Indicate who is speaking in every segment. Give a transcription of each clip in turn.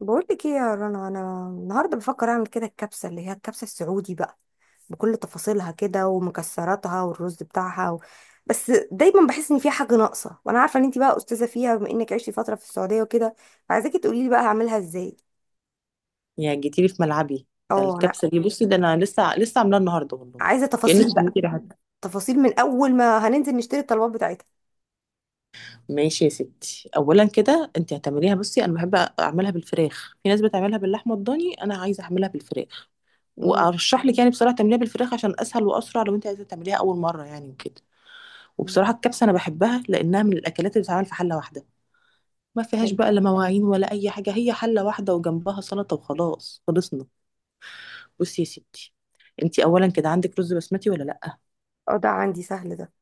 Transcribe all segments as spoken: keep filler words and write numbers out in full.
Speaker 1: بقول لك ايه يا رنا، انا النهارده بفكر اعمل كده الكبسه، اللي هي الكبسه السعودي بقى، بكل تفاصيلها كده، ومكسراتها، والرز بتاعها و... بس دايما بحس ان في حاجه ناقصه، وانا عارفه ان انت بقى استاذه فيها بما انك عشتي فتره في السعوديه وكده. فعايزاكي تقولي لي بقى هعملها ازاي.
Speaker 2: يا جيتيلي في ملعبي. ده
Speaker 1: اه انا.
Speaker 2: الكبسة دي، بصي، ده أنا لسه لسه عاملاها النهاردة والله.
Speaker 1: عايزه
Speaker 2: كأنك
Speaker 1: تفاصيل بقى،
Speaker 2: سميتي ريحتها.
Speaker 1: تفاصيل من اول ما هننزل نشتري الطلبات بتاعتها.
Speaker 2: ماشي يا ستي، أولا كده أنت هتعمليها، بصي أنا بحب أعملها بالفراخ، في ناس بتعملها باللحمة الضاني، أنا عايزة أعملها بالفراخ.
Speaker 1: مم.
Speaker 2: وأرشح لك يعني بصراحة تعمليها بالفراخ عشان أسهل وأسرع، لو أنت عايزة تعمليها أول مرة يعني وكده. وبصراحة الكبسة أنا بحبها لأنها من الأكلات اللي بتتعمل في حلة واحدة، ما فيهاش
Speaker 1: أيوة.
Speaker 2: بقى لا مواعين ولا أي حاجة، هي حلة واحدة وجنبها سلطة وخلاص خلصنا. بصي يا ستي، أنت أولا كده عندك رز بسمتي ولا لأ؟
Speaker 1: اه ده عندي، سهل ده.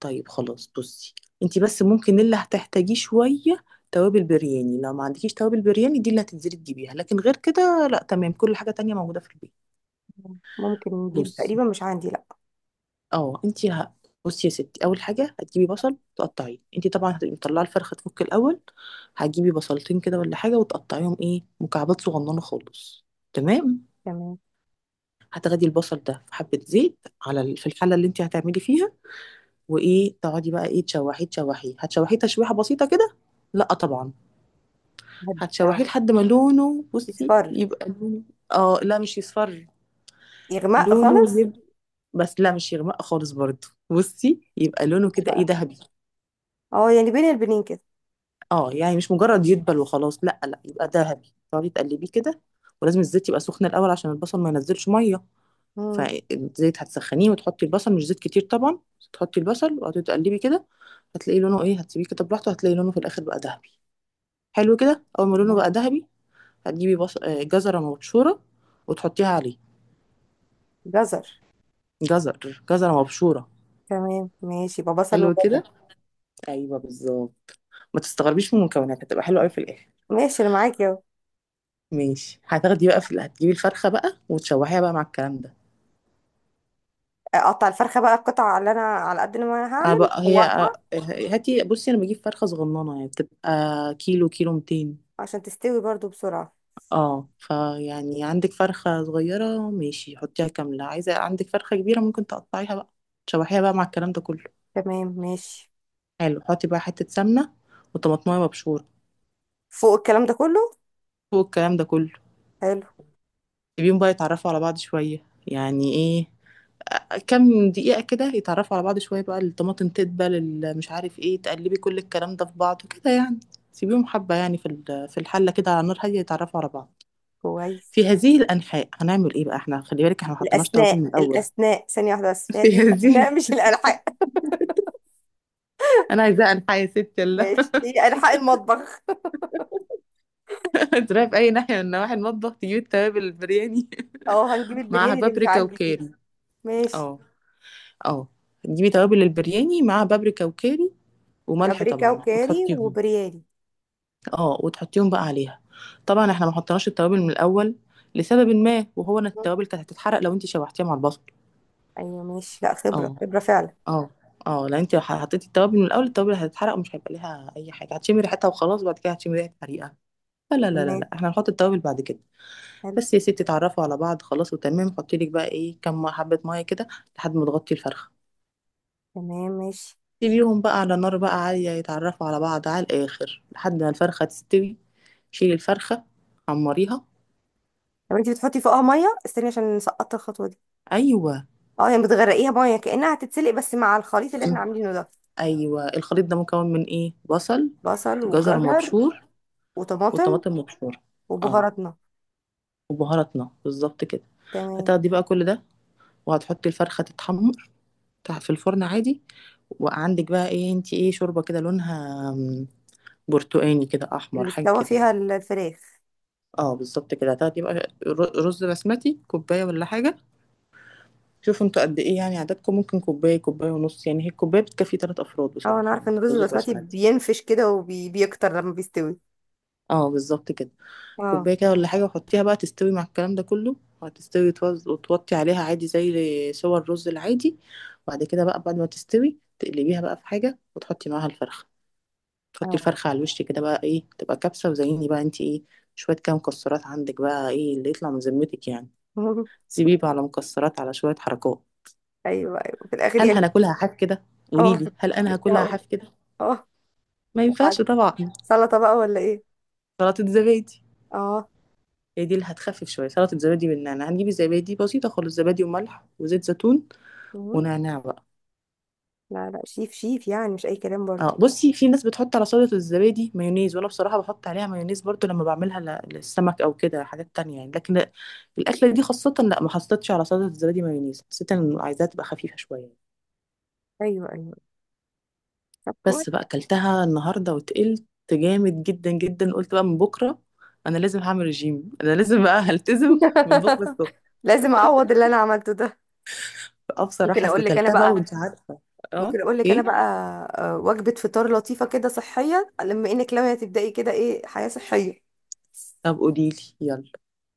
Speaker 2: طيب خلاص، بصي انتي بس ممكن اللي هتحتاجيه شوية توابل برياني، لو ما عندكيش توابل برياني دي اللي هتنزلي تجيبيها، لكن غير كده لا، تمام، كل حاجة تانية موجودة في البيت.
Speaker 1: ممكن نجيب
Speaker 2: بصي،
Speaker 1: تقريبا، مش عندي لا.
Speaker 2: اه انتي ه... بصي يا ستي، اول حاجة هتجيبي بصل تقطعيه، انتي طبعا هتبقي مطلعة الفرخة تفك الاول. هتجيبي بصلتين كده ولا حاجة وتقطعيهم ايه، مكعبات صغننة خالص. تمام.
Speaker 1: تمام.
Speaker 2: هتاخدي البصل ده في حبة زيت على ال- في الحلة اللي انتي هتعملي فيها، وايه، تقعدي بقى ايه، تشوحيه، تشوحيه، هتشوحيه تشويحة بسيطة كده، لا طبعا.
Speaker 1: هدي.
Speaker 2: هتشوحيه لحد ما لونه، بصي
Speaker 1: يتفر.
Speaker 2: يبقى لونه، اه لا مش يصفر،
Speaker 1: يغمق
Speaker 2: لونه
Speaker 1: خالص.
Speaker 2: يبقى، بس لا مش يغمق خالص برضه، بصي يبقى لونه
Speaker 1: يبقى
Speaker 2: كده
Speaker 1: بقى.
Speaker 2: ايه، ذهبي.
Speaker 1: اه يعني بين البنين كده.
Speaker 2: اه يعني مش مجرد يدبل وخلاص، لا لا، يبقى ذهبي، تقعدي تقلبيه كده. ولازم الزيت يبقى سخن الاول عشان البصل ما ينزلش ميه،
Speaker 1: مم.
Speaker 2: فالزيت هتسخنيه وتحطي البصل، مش زيت كتير طبعا، تحطي البصل وقعدي تقلبي كده، هتلاقي لونه ايه، هتسيبيه كده براحته، هتلاقي لونه في الاخر بقى ذهبي. حلو كده، اول ما لونه بقى ذهبي هتجيبي بص... آه، جزره مبشوره وتحطيها عليه.
Speaker 1: جزر.
Speaker 2: جزر، جزرة مبشورة.
Speaker 1: تمام ماشي، يبقى بصل
Speaker 2: حلو
Speaker 1: وجزر.
Speaker 2: كده، ايوه بالظبط. ما تستغربيش من المكونات، هتبقى حلوه قوي في الاخر.
Speaker 1: ماشي انا معاكي اهو.
Speaker 2: ماشي، هتاخدي بقى في ال- هتجيبي الفرخه بقى وتشوحيها بقى مع الكلام ده.
Speaker 1: اقطع الفرخه بقى القطع، اللي انا على قد ما انا
Speaker 2: انا
Speaker 1: هعمل
Speaker 2: بقى هي،
Speaker 1: اشوحها،
Speaker 2: هاتي، بصي انا بجيب فرخه صغننه يعني بتبقى كيلو، كيلو ميتين.
Speaker 1: عشان تستوي برضو بسرعه.
Speaker 2: اه فيعني عندك فرخه صغيره ماشي حطيها كامله، عايزه عندك فرخه كبيره ممكن تقطعيها بقى. تشوحيها بقى مع الكلام ده كله.
Speaker 1: تمام ماشي.
Speaker 2: حلو، حطي بقى حته سمنه وطماطمايه مبشوره
Speaker 1: فوق الكلام ده كله.
Speaker 2: فوق الكلام ده كله.
Speaker 1: حلو.
Speaker 2: سيبيهم بقى يتعرفوا على بعض شويه يعني ايه، كام دقيقة كده يتعرفوا على بعض شوية، بقى الطماطم تدبل، ال- مش عارف ايه، تقلبي كل الكلام ده في بعضه كده يعني. سيبيهم حبة يعني في ال-، في الحلة كده على نار هادية يتعرفوا على بعض.
Speaker 1: كويس.
Speaker 2: في هذه الأنحاء هنعمل ايه بقى احنا، خلي بالك احنا ما حطيناش توابل
Speaker 1: الاسناء
Speaker 2: من الأول.
Speaker 1: الاسناء، ثانيه واحده بس،
Speaker 2: في
Speaker 1: هذه
Speaker 2: هذه،
Speaker 1: الاسناء مش الالحاق.
Speaker 2: أنا عايزة أنحاء يا ستي الله.
Speaker 1: ماشي، هي الحاق المطبخ.
Speaker 2: تروحي في أي ناحية من نواحي المطبخ تجيبي التوابل البرياني.
Speaker 1: اه هنجيب
Speaker 2: معاها
Speaker 1: البرياني اللي مش
Speaker 2: بابريكا
Speaker 1: عندي دي.
Speaker 2: وكاري.
Speaker 1: ماشي.
Speaker 2: اه، اه، تجيبي توابل البرياني، معاها بابريكا وكاري وملح
Speaker 1: بابريكا
Speaker 2: طبعا
Speaker 1: وكاري
Speaker 2: وتحطيهم.
Speaker 1: وبرياني.
Speaker 2: اه، وتحطيهم بقى عليها. طبعا احنا ما حطيناش التوابل من الاول لسبب ما، وهو ان
Speaker 1: مم.
Speaker 2: التوابل كانت هتتحرق لو انت شوحتيها مع البصل.
Speaker 1: ايوه ماشي، لا خبره
Speaker 2: اه،
Speaker 1: خبره فعلا.
Speaker 2: اه، اه لو انت حطيتي التوابل من الاول التوابل هتتحرق، ومش هيبقى ليها اي حاجه، هتشمي ريحتها وخلاص بعد كده هتشمي ريحه حريقه. لا لا لا لا لا،
Speaker 1: تمام.
Speaker 2: احنا هنحط التوابل بعد كده.
Speaker 1: حلو.
Speaker 2: بس يا ستي اتعرفوا على بعض خلاص وتمام، حطي لك بقى ايه، كم حبه ميه كده لحد ما تغطي الفرخه.
Speaker 1: تمام ماشي.
Speaker 2: سيبيهم بقى على نار بقى عاليه يتعرفوا على بعض على الاخر لحد ما الفرخه تستوي. شيلي الفرخه، حمريها.
Speaker 1: طب انت بتحطي فوقها ميه؟ استني، عشان سقطت الخطوه دي.
Speaker 2: ايوه.
Speaker 1: اه يعني بتغرقيها ميه، كانها هتتسلق بس مع الخليط اللي احنا عاملينه ده.
Speaker 2: ايوه، الخليط ده مكون من ايه، بصل.
Speaker 1: بصل
Speaker 2: جزر
Speaker 1: وجزر.
Speaker 2: مبشور.
Speaker 1: وطماطم.
Speaker 2: وطماطم مبشوره. اه،
Speaker 1: وبهاراتنا.
Speaker 2: وبهاراتنا بالظبط كده.
Speaker 1: تمام.
Speaker 2: هتاخدي بقى كل ده وهتحطي الفرخه تتحمر، تح- في الفرن عادي. وعندك بقى ايه انتي ايه، شوربه كده لونها م، برتقاني كده، احمر،
Speaker 1: اللي
Speaker 2: حاجه
Speaker 1: استوى
Speaker 2: كده
Speaker 1: فيها
Speaker 2: يعني.
Speaker 1: الفراخ.
Speaker 2: اه بالظبط كده. هتاخدي بقى ر- رز بسمتي كوبايه ولا حاجه، شوفوا انتوا قد ايه يعني عددكم، ممكن كوبايه كوبايه ونص يعني، هي الكوبايه بتكفي ثلاث افراد
Speaker 1: اه انا
Speaker 2: بصراحه
Speaker 1: عارفه
Speaker 2: يعني،
Speaker 1: ان الرز
Speaker 2: رز
Speaker 1: البسمتي
Speaker 2: بسمتي.
Speaker 1: بينفش كده وبيكتر لما بيستوي.
Speaker 2: اه بالظبط كده.
Speaker 1: اه.
Speaker 2: كوباية كده ولا حاجة، وحطيها بقى تستوي مع الكلام ده كله، وهتستوي وتوز- وتوطي عليها عادي زي سوى الرز العادي. وبعد كده بقى بعد ما تستوي تقلبيها بقى في حاجة، وتحطي معاها الفرخة، تحطي
Speaker 1: اه.
Speaker 2: الفرخة على الوش كده بقى ايه، تبقى كبسة، وزيني بقى انت ايه، شوية كام مكسرات عندك بقى ايه اللي يطلع من ذمتك يعني. سيبيه بقى على مكسرات، على شوية حركات.
Speaker 1: ايوه ايوه، في الاخر
Speaker 2: هل
Speaker 1: يعني.
Speaker 2: هناكلها حاف كده؟
Speaker 1: اه
Speaker 2: قوليلي
Speaker 1: كنت،
Speaker 2: هل انا
Speaker 1: لسه
Speaker 2: هاكلها
Speaker 1: هقول.
Speaker 2: حاف كده؟
Speaker 1: اه.
Speaker 2: ما
Speaker 1: وبعد-
Speaker 2: ينفعش طبعا.
Speaker 1: سلطه بقى ولا ايه؟
Speaker 2: سلطة زبادي.
Speaker 1: اه.
Speaker 2: هي دي اللي هتخفف شوية، سلطة زبادي بالنعناع، هنجيب الزبادي بسيطة خالص، زبادي وملح وزيت زيتون
Speaker 1: مم.
Speaker 2: ونعناع بقى.
Speaker 1: لا لا، شيف شيف، يعني مش اي كلام برضه.
Speaker 2: اه بصي في ناس بتحط على سلطة الزبادي مايونيز، وانا بصراحة بحط عليها مايونيز برضو لما بعملها ل- للسمك او كده حاجات تانية يعني، لكن لا- الاكلة دي خاصة لا ما حطيتش على سلطة الزبادي مايونيز، حسيت ان عايزاها تبقى خفيفة شوية.
Speaker 1: ايوه ايوه. طب
Speaker 2: بس
Speaker 1: كويس.
Speaker 2: بقى اكلتها النهاردة وتقلت جامد جدا جدا، قلت بقى من بكرة انا لازم هعمل رجيم، انا لازم بقى هلتزم من بكرة الصبح.
Speaker 1: لازم اعوض اللي انا عملته ده.
Speaker 2: اه
Speaker 1: ممكن
Speaker 2: بصراحة اصل
Speaker 1: اقول لك انا
Speaker 2: كلتها بقى
Speaker 1: بقى.
Speaker 2: وانت عارفة. اه.
Speaker 1: ممكن اقول لك انا بقى.
Speaker 2: ايه؟
Speaker 1: آه، وجبه فطار لطيفه كده صحيه، لما انك لما تبداي كده ايه، حياه صحيه.
Speaker 2: طب قوليلي يلا.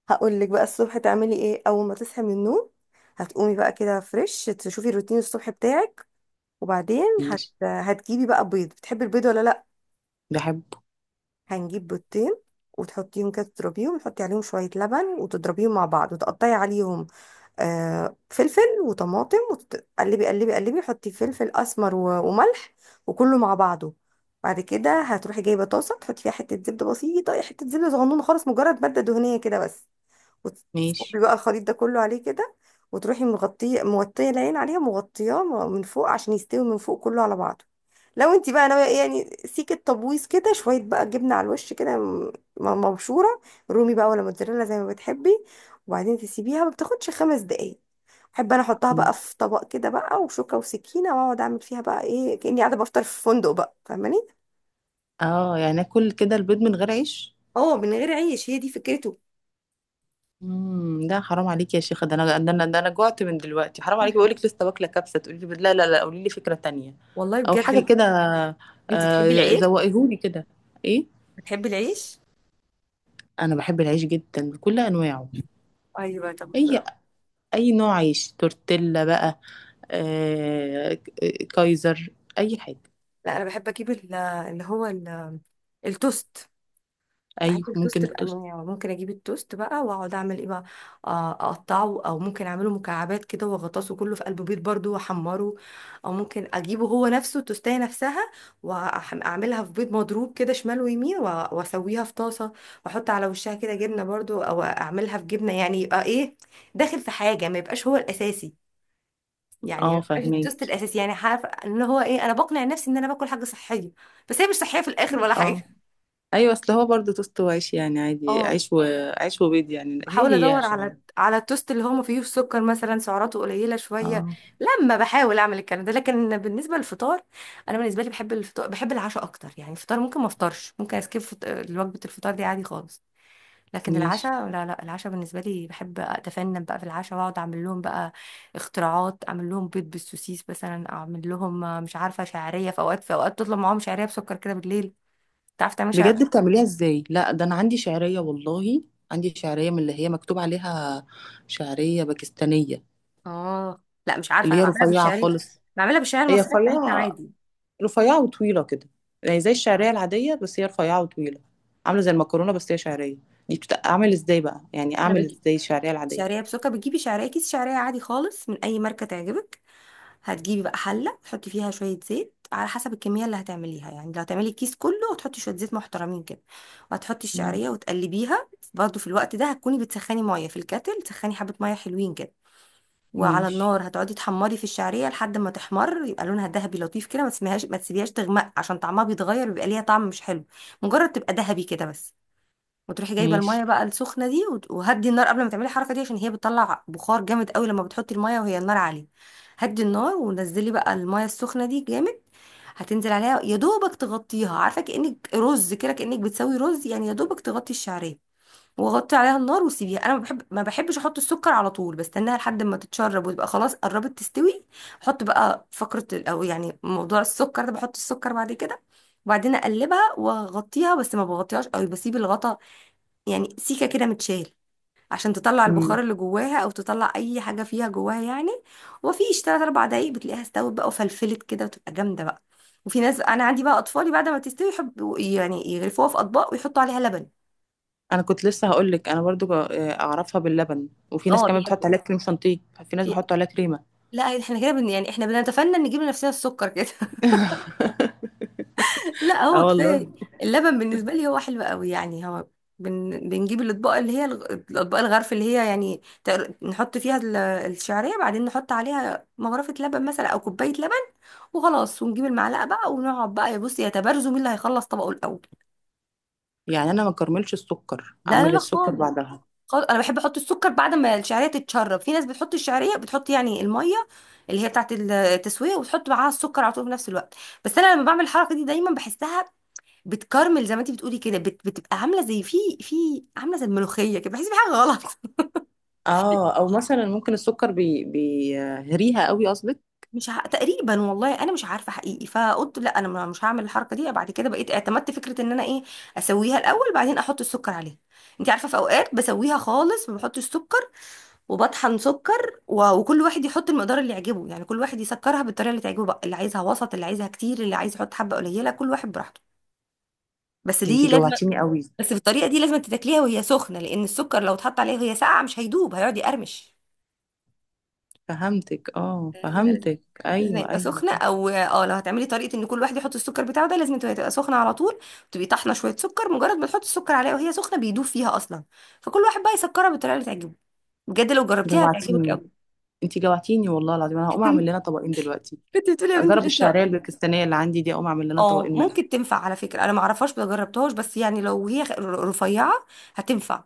Speaker 1: هقول لك بقى الصبح تعملي ايه اول ما تصحي من النوم. هتقومي بقى كده فريش، تشوفي الروتين الصبح بتاعك. وبعدين هت...
Speaker 2: ماشي.
Speaker 1: هتجيبي بقى بيض. بتحبي البيض ولا لا؟
Speaker 2: بحبه.
Speaker 1: هنجيب بيضتين، وتحطيهم كده تضربيهم، تحطي عليهم شويه لبن وتضربيهم مع بعض، وتقطعي عليهم آه، فلفل وطماطم، وتقلبي قلبي قلبي. حطي فلفل اسمر و- وملح وكله مع بعضه. بعد كده هتروحي جايبه طاسه، تحطي فيها حته زبده بسيطه، حته زبده صغنونه خالص، مجرد ماده دهنيه كده بس، وتصبي
Speaker 2: ماشي.
Speaker 1: بقى الخليط ده كله عليه كده. وتروحي مغطيه موطيه العين عليها، مغطياه م- من فوق، عشان يستوي من فوق كله على بعضه. لو انت بقى ناويه ايه يعني، سيكه تبويض كده شويه، بقى جبنه على الوش كده م- م- مبشوره. رومي بقى ولا موتزاريلا زي ما بتحبي. وبعدين تسيبيها، ما بتاخدش خمس دقايق. احب انا احطها بقى في طبق كده بقى، وشوكه وسكينه، واقعد اعمل فيها بقى ايه، كاني قاعده بفطر في فندق بقى، فاهماني؟
Speaker 2: اه يعني اكل كده البيض من غير عيش؟
Speaker 1: اه، من غير عيش، هي دي فكرته.
Speaker 2: امم ده حرام عليك يا شيخه، ده انا، ده انا، ده انا جوعت من دلوقتي، حرام عليكي، بقول لك لسه واكله كبسه تقولي لي بيض. لا لا لا، قولي لي فكره تانية،
Speaker 1: والله
Speaker 2: او حاجه
Speaker 1: بجد.
Speaker 2: كده.
Speaker 1: انت تحبي
Speaker 2: آه
Speaker 1: العيش؟
Speaker 2: زوقيهولي كده. ايه؟
Speaker 1: بتحبي العيش؟
Speaker 2: انا بحب العيش جدا بكل انواعه.
Speaker 1: ايوه طب.
Speaker 2: اي اي نوع عيش، تورتيلا بقى، آه، كايزر، اي حاجه.
Speaker 1: لا انا بحب اجيب ال- اللي هو ال- التوست. بحب
Speaker 2: ايوه
Speaker 1: التوست
Speaker 2: ممكن التوست.
Speaker 1: بانواعه، ممكن اجيب التوست بقى واقعد اعمل ايه بقى، آه، اقطعه، او ممكن اعمله مكعبات كده واغطسه كله في قلب بيض برضو واحمره. او ممكن اجيبه هو نفسه التوستايه نفسها، واعملها في بيض مضروب كده شمال ويمين، وأ- واسويها في طاسه، واحط على وشها كده جبنه برضو، او اعملها في جبنه، يعني يبقى ايه، داخل في حاجه، ما يبقاش هو الاساسي. يعني
Speaker 2: اه
Speaker 1: مبقاش
Speaker 2: فاهمين.
Speaker 1: التوست الاساسي، يعني عارفه ان هو ايه، انا بقنع نفسي ان انا باكل حاجه صحيه، بس هي مش صحيه في الاخر ولا حاجه.
Speaker 2: اه، ايوه، اصل هو برضه توست وعيش يعني، عادي،
Speaker 1: اه
Speaker 2: عيش وعيش وبيض يعني، هي
Speaker 1: بحاول
Speaker 2: هي
Speaker 1: ادور على
Speaker 2: فاهمة.
Speaker 1: على التوست اللي هو ما فيهوش سكر مثلا، سعراته قليله شويه،
Speaker 2: اه.
Speaker 1: لما بحاول اعمل الكلام ده. لكن بالنسبه للفطار، انا بالنسبه لي بحب الفطار، بحب العشاء اكتر يعني. الفطار ممكن ما افطرش، ممكن اسكيب فط... وجبه الفطار دي عادي خالص. لكن
Speaker 2: ماشي.
Speaker 1: العشاء لا لا، العشاء بالنسبة لي بحب أتفنن بقى في العشاء، وأقعد أعمل لهم بقى اختراعات، أعمل لهم بيض بالسوسيس مثلا، أعمل لهم آه، مش عارفة، شعرية. في أوقات في أوقات تطلب معاهم شعرية بسكر كده بالليل. تعرف تعمل
Speaker 2: بجد
Speaker 1: شعرية؟
Speaker 2: بتعمليها ازاي؟ لا ده انا عندي شعرية والله، عندي شعرية من اللي هي مكتوب عليها شعرية باكستانية.
Speaker 1: آه. لا مش عارفة،
Speaker 2: اللي
Speaker 1: أنا
Speaker 2: هي
Speaker 1: بعملها
Speaker 2: رفيعة
Speaker 1: بالشعرية،
Speaker 2: خالص.
Speaker 1: بعملها بالشعرية
Speaker 2: هي
Speaker 1: المصرية بتاعتنا
Speaker 2: رفيعة.
Speaker 1: عادي.
Speaker 2: رفيعة وطويلة كده، يعني زي
Speaker 1: آه.
Speaker 2: الشعرية العادية بس هي رفيعة وطويلة. عاملة زي المكرونة بس هي شعرية. دي بت... اعمل ازاي بقى يعني،
Speaker 1: أنا
Speaker 2: اعمل
Speaker 1: بجيب
Speaker 2: ازاي الشعرية العادية؟
Speaker 1: شعرية بسكر. بتجيبي شعرية، كيس شعرية عادي خالص من أي ماركة تعجبك. هتجيبي بقى حلة تحطي فيها شوية زيت على حسب الكمية اللي هتعمليها، يعني لو هتعملي الكيس كله هتحطي شوية زيت محترمين كده، وهتحطي
Speaker 2: مم.
Speaker 1: الشعرية وتقلبيها. برضه في الوقت ده هتكوني بتسخني مية في الكاتل، تسخني حبة مية حلوين كده، وعلى
Speaker 2: ماشي.
Speaker 1: النار هتقعدي تحمري في الشعرية لحد ما تحمر، يبقى لونها ذهبي لطيف كده، ما تسميهاش، ما تسيبيهاش تغمق، عشان طعمها بيتغير، بيبقى ليها طعم مش حلو. مجرد تبقى ذهبي كده بس. وتروحي جايبه الميه
Speaker 2: ماشي.
Speaker 1: بقى السخنه دي، وت- وهدي النار قبل ما تعملي الحركه دي، عشان هي بتطلع بخار جامد قوي لما بتحطي الميه وهي النار عاليه. هدي النار، ونزلي بقى الميه السخنه دي جامد، هتنزل عليها يا دوبك تغطيها، عارفه كانك رز كده، كانك بتسوي رز يعني، يا دوبك تغطي الشعريه. وغطي عليها النار وسيبيها. انا ما بحب، ما بحبش احط السكر على طول، بستناها لحد ما تتشرب، وتبقى خلاص قربت تستوي. احط بقى فقره ال- او يعني موضوع السكر ده، بحط السكر بعد كده. وبعدين اقلبها واغطيها، بس ما بغطيهاش قوي، بسيب الغطا، يعني سيكة كده متشال، عشان تطلع
Speaker 2: مم.
Speaker 1: البخار اللي جواها، او تطلع اي حاجة فيها جواها يعني. ومفيش تلات اربع دقايق بتلاقيها استوت بقى، وفلفلت كده، وتبقى جامدة بقى. وفي ناس، انا عندي بقى اطفالي، بعد ما تستوي يحبوا يعني يغرفوها في اطباق ويحطوا عليها لبن.
Speaker 2: انا كنت لسه هقول لك انا برضو، جا- آه، اعرفها باللبن، وفي ناس
Speaker 1: اه
Speaker 2: كمان بتحط
Speaker 1: بيحبوا.
Speaker 2: عليها كريم شانتيه. في ناس
Speaker 1: في.
Speaker 2: بيحطوا عليها كريمة.
Speaker 1: لا احنا كده بن... يعني احنا بنتفنن نجيب لنفسنا السكر كده. لا
Speaker 2: اه
Speaker 1: هو
Speaker 2: والله.
Speaker 1: كفايه. اللبن بالنسبه لي هو حلو قوي يعني. هو بن... بنجيب الاطباق، اللي هي الغ- الاطباق الغرف، اللي هي يعني تقر- نحط فيها ال- الشعريه، بعدين نحط عليها مغرفه لبن مثلا، او كوبايه لبن، وخلاص. ونجيب المعلقه بقى ونقعد بقى يا بصي، يتبارزوا مين اللي هيخلص طبقه الاول.
Speaker 2: يعني انا ما اكرملش السكر،
Speaker 1: لا لا
Speaker 2: اعمل
Speaker 1: لا
Speaker 2: السكر
Speaker 1: خالص،
Speaker 2: بعدها.
Speaker 1: خالص. انا بحب احط السكر بعد ما الشعريه تتشرب. في ناس بتحط الشعريه، بتحط يعني الميه، اللي هي بتاعت التسويه، وتحط معاها السكر على طول في نفس الوقت، بس انا لما بعمل الحركه دي دايما بحسها بتكرمل زي ما انت بتقولي كده، بت... بتبقى عامله زي في في عامله زي الملوخيه كده، بحس بحاجه غلط.
Speaker 2: اه او مثلا ممكن السكر بي بيهريها قوي قصدك.
Speaker 1: مش ع... تقريبا والله انا مش عارفه حقيقي، فقلت لا انا ما- مش هعمل الحركه دي بعد كده، بقيت اعتمدت فكره ان انا ايه، اسويها الاول بعدين احط السكر عليها. انت عارفه في اوقات بسويها خالص ما بحطش سكر، وبطحن سكر و... وكل واحد يحط المقدار اللي يعجبه، يعني كل واحد يسكرها بالطريقه اللي تعجبه بقى، اللي عايزها وسط، اللي عايزها كتير، اللي عايز يحط حبه قليله، كل واحد براحته. بس دي
Speaker 2: انتي
Speaker 1: لازم.
Speaker 2: جوعتيني قوي.
Speaker 1: بس بالطريقه دي لازم تتاكليها وهي سخنه، لان السكر لو اتحط عليها وهي ساقعه مش هيدوب، هيقعد يقرمش.
Speaker 2: فهمتك، اه
Speaker 1: ايوه لازم.
Speaker 2: فهمتك،
Speaker 1: لازم
Speaker 2: ايوه
Speaker 1: يبقى
Speaker 2: ايوه
Speaker 1: سخنه،
Speaker 2: صح.
Speaker 1: او اه لو هتعملي طريقه ان كل واحد يحط السكر بتاعه ده، لازم تبقى تبقى سخنه على طول. تبقي طحنه شويه سكر، مجرد ما تحطي السكر عليها وهي سخنه بيدوب فيها اصلا. فكل واحد بقى يسكرها بالطريقه اللي تعجبه. بجد لو جربتيها هتعجبك
Speaker 2: جوعتيني.
Speaker 1: قوي.
Speaker 2: انتي جوعتيني والله العظيم، انا هقوم اعمل لنا طبقين دلوقتي.
Speaker 1: كنت بتقولي يا بنتي
Speaker 2: اجرب
Speaker 1: لسه.
Speaker 2: الشعريه الباكستانيه اللي عندي دي، اقوم اعمل لنا
Speaker 1: اه
Speaker 2: طبقين منها.
Speaker 1: ممكن تنفع على فكره، انا ما اعرفهاش ما جربتهاش، بس يعني لو هي خ- رفيعه هتنفع.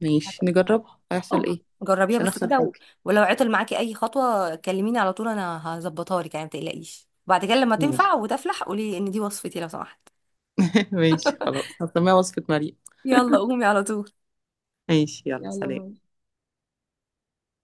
Speaker 2: ماشي نجربها هيحصل
Speaker 1: أج-
Speaker 2: ايه،
Speaker 1: جربيها
Speaker 2: مش
Speaker 1: بس
Speaker 2: هنخسر
Speaker 1: كده
Speaker 2: حاجه.
Speaker 1: و... ولو عطل معاكي اي خطوه كلميني على طول انا هظبطها لك يعني، ما تقلقيش، وبعد كده لما
Speaker 2: ماشي.
Speaker 1: تنفع وتفلح قولي ان دي وصفتي لو سمحت.
Speaker 2: ماشي خلاص هسميها وصفه مريم.
Speaker 1: يلا قومي على طول.
Speaker 2: ماشي، يلا
Speaker 1: يلا
Speaker 2: سلام.
Speaker 1: باي.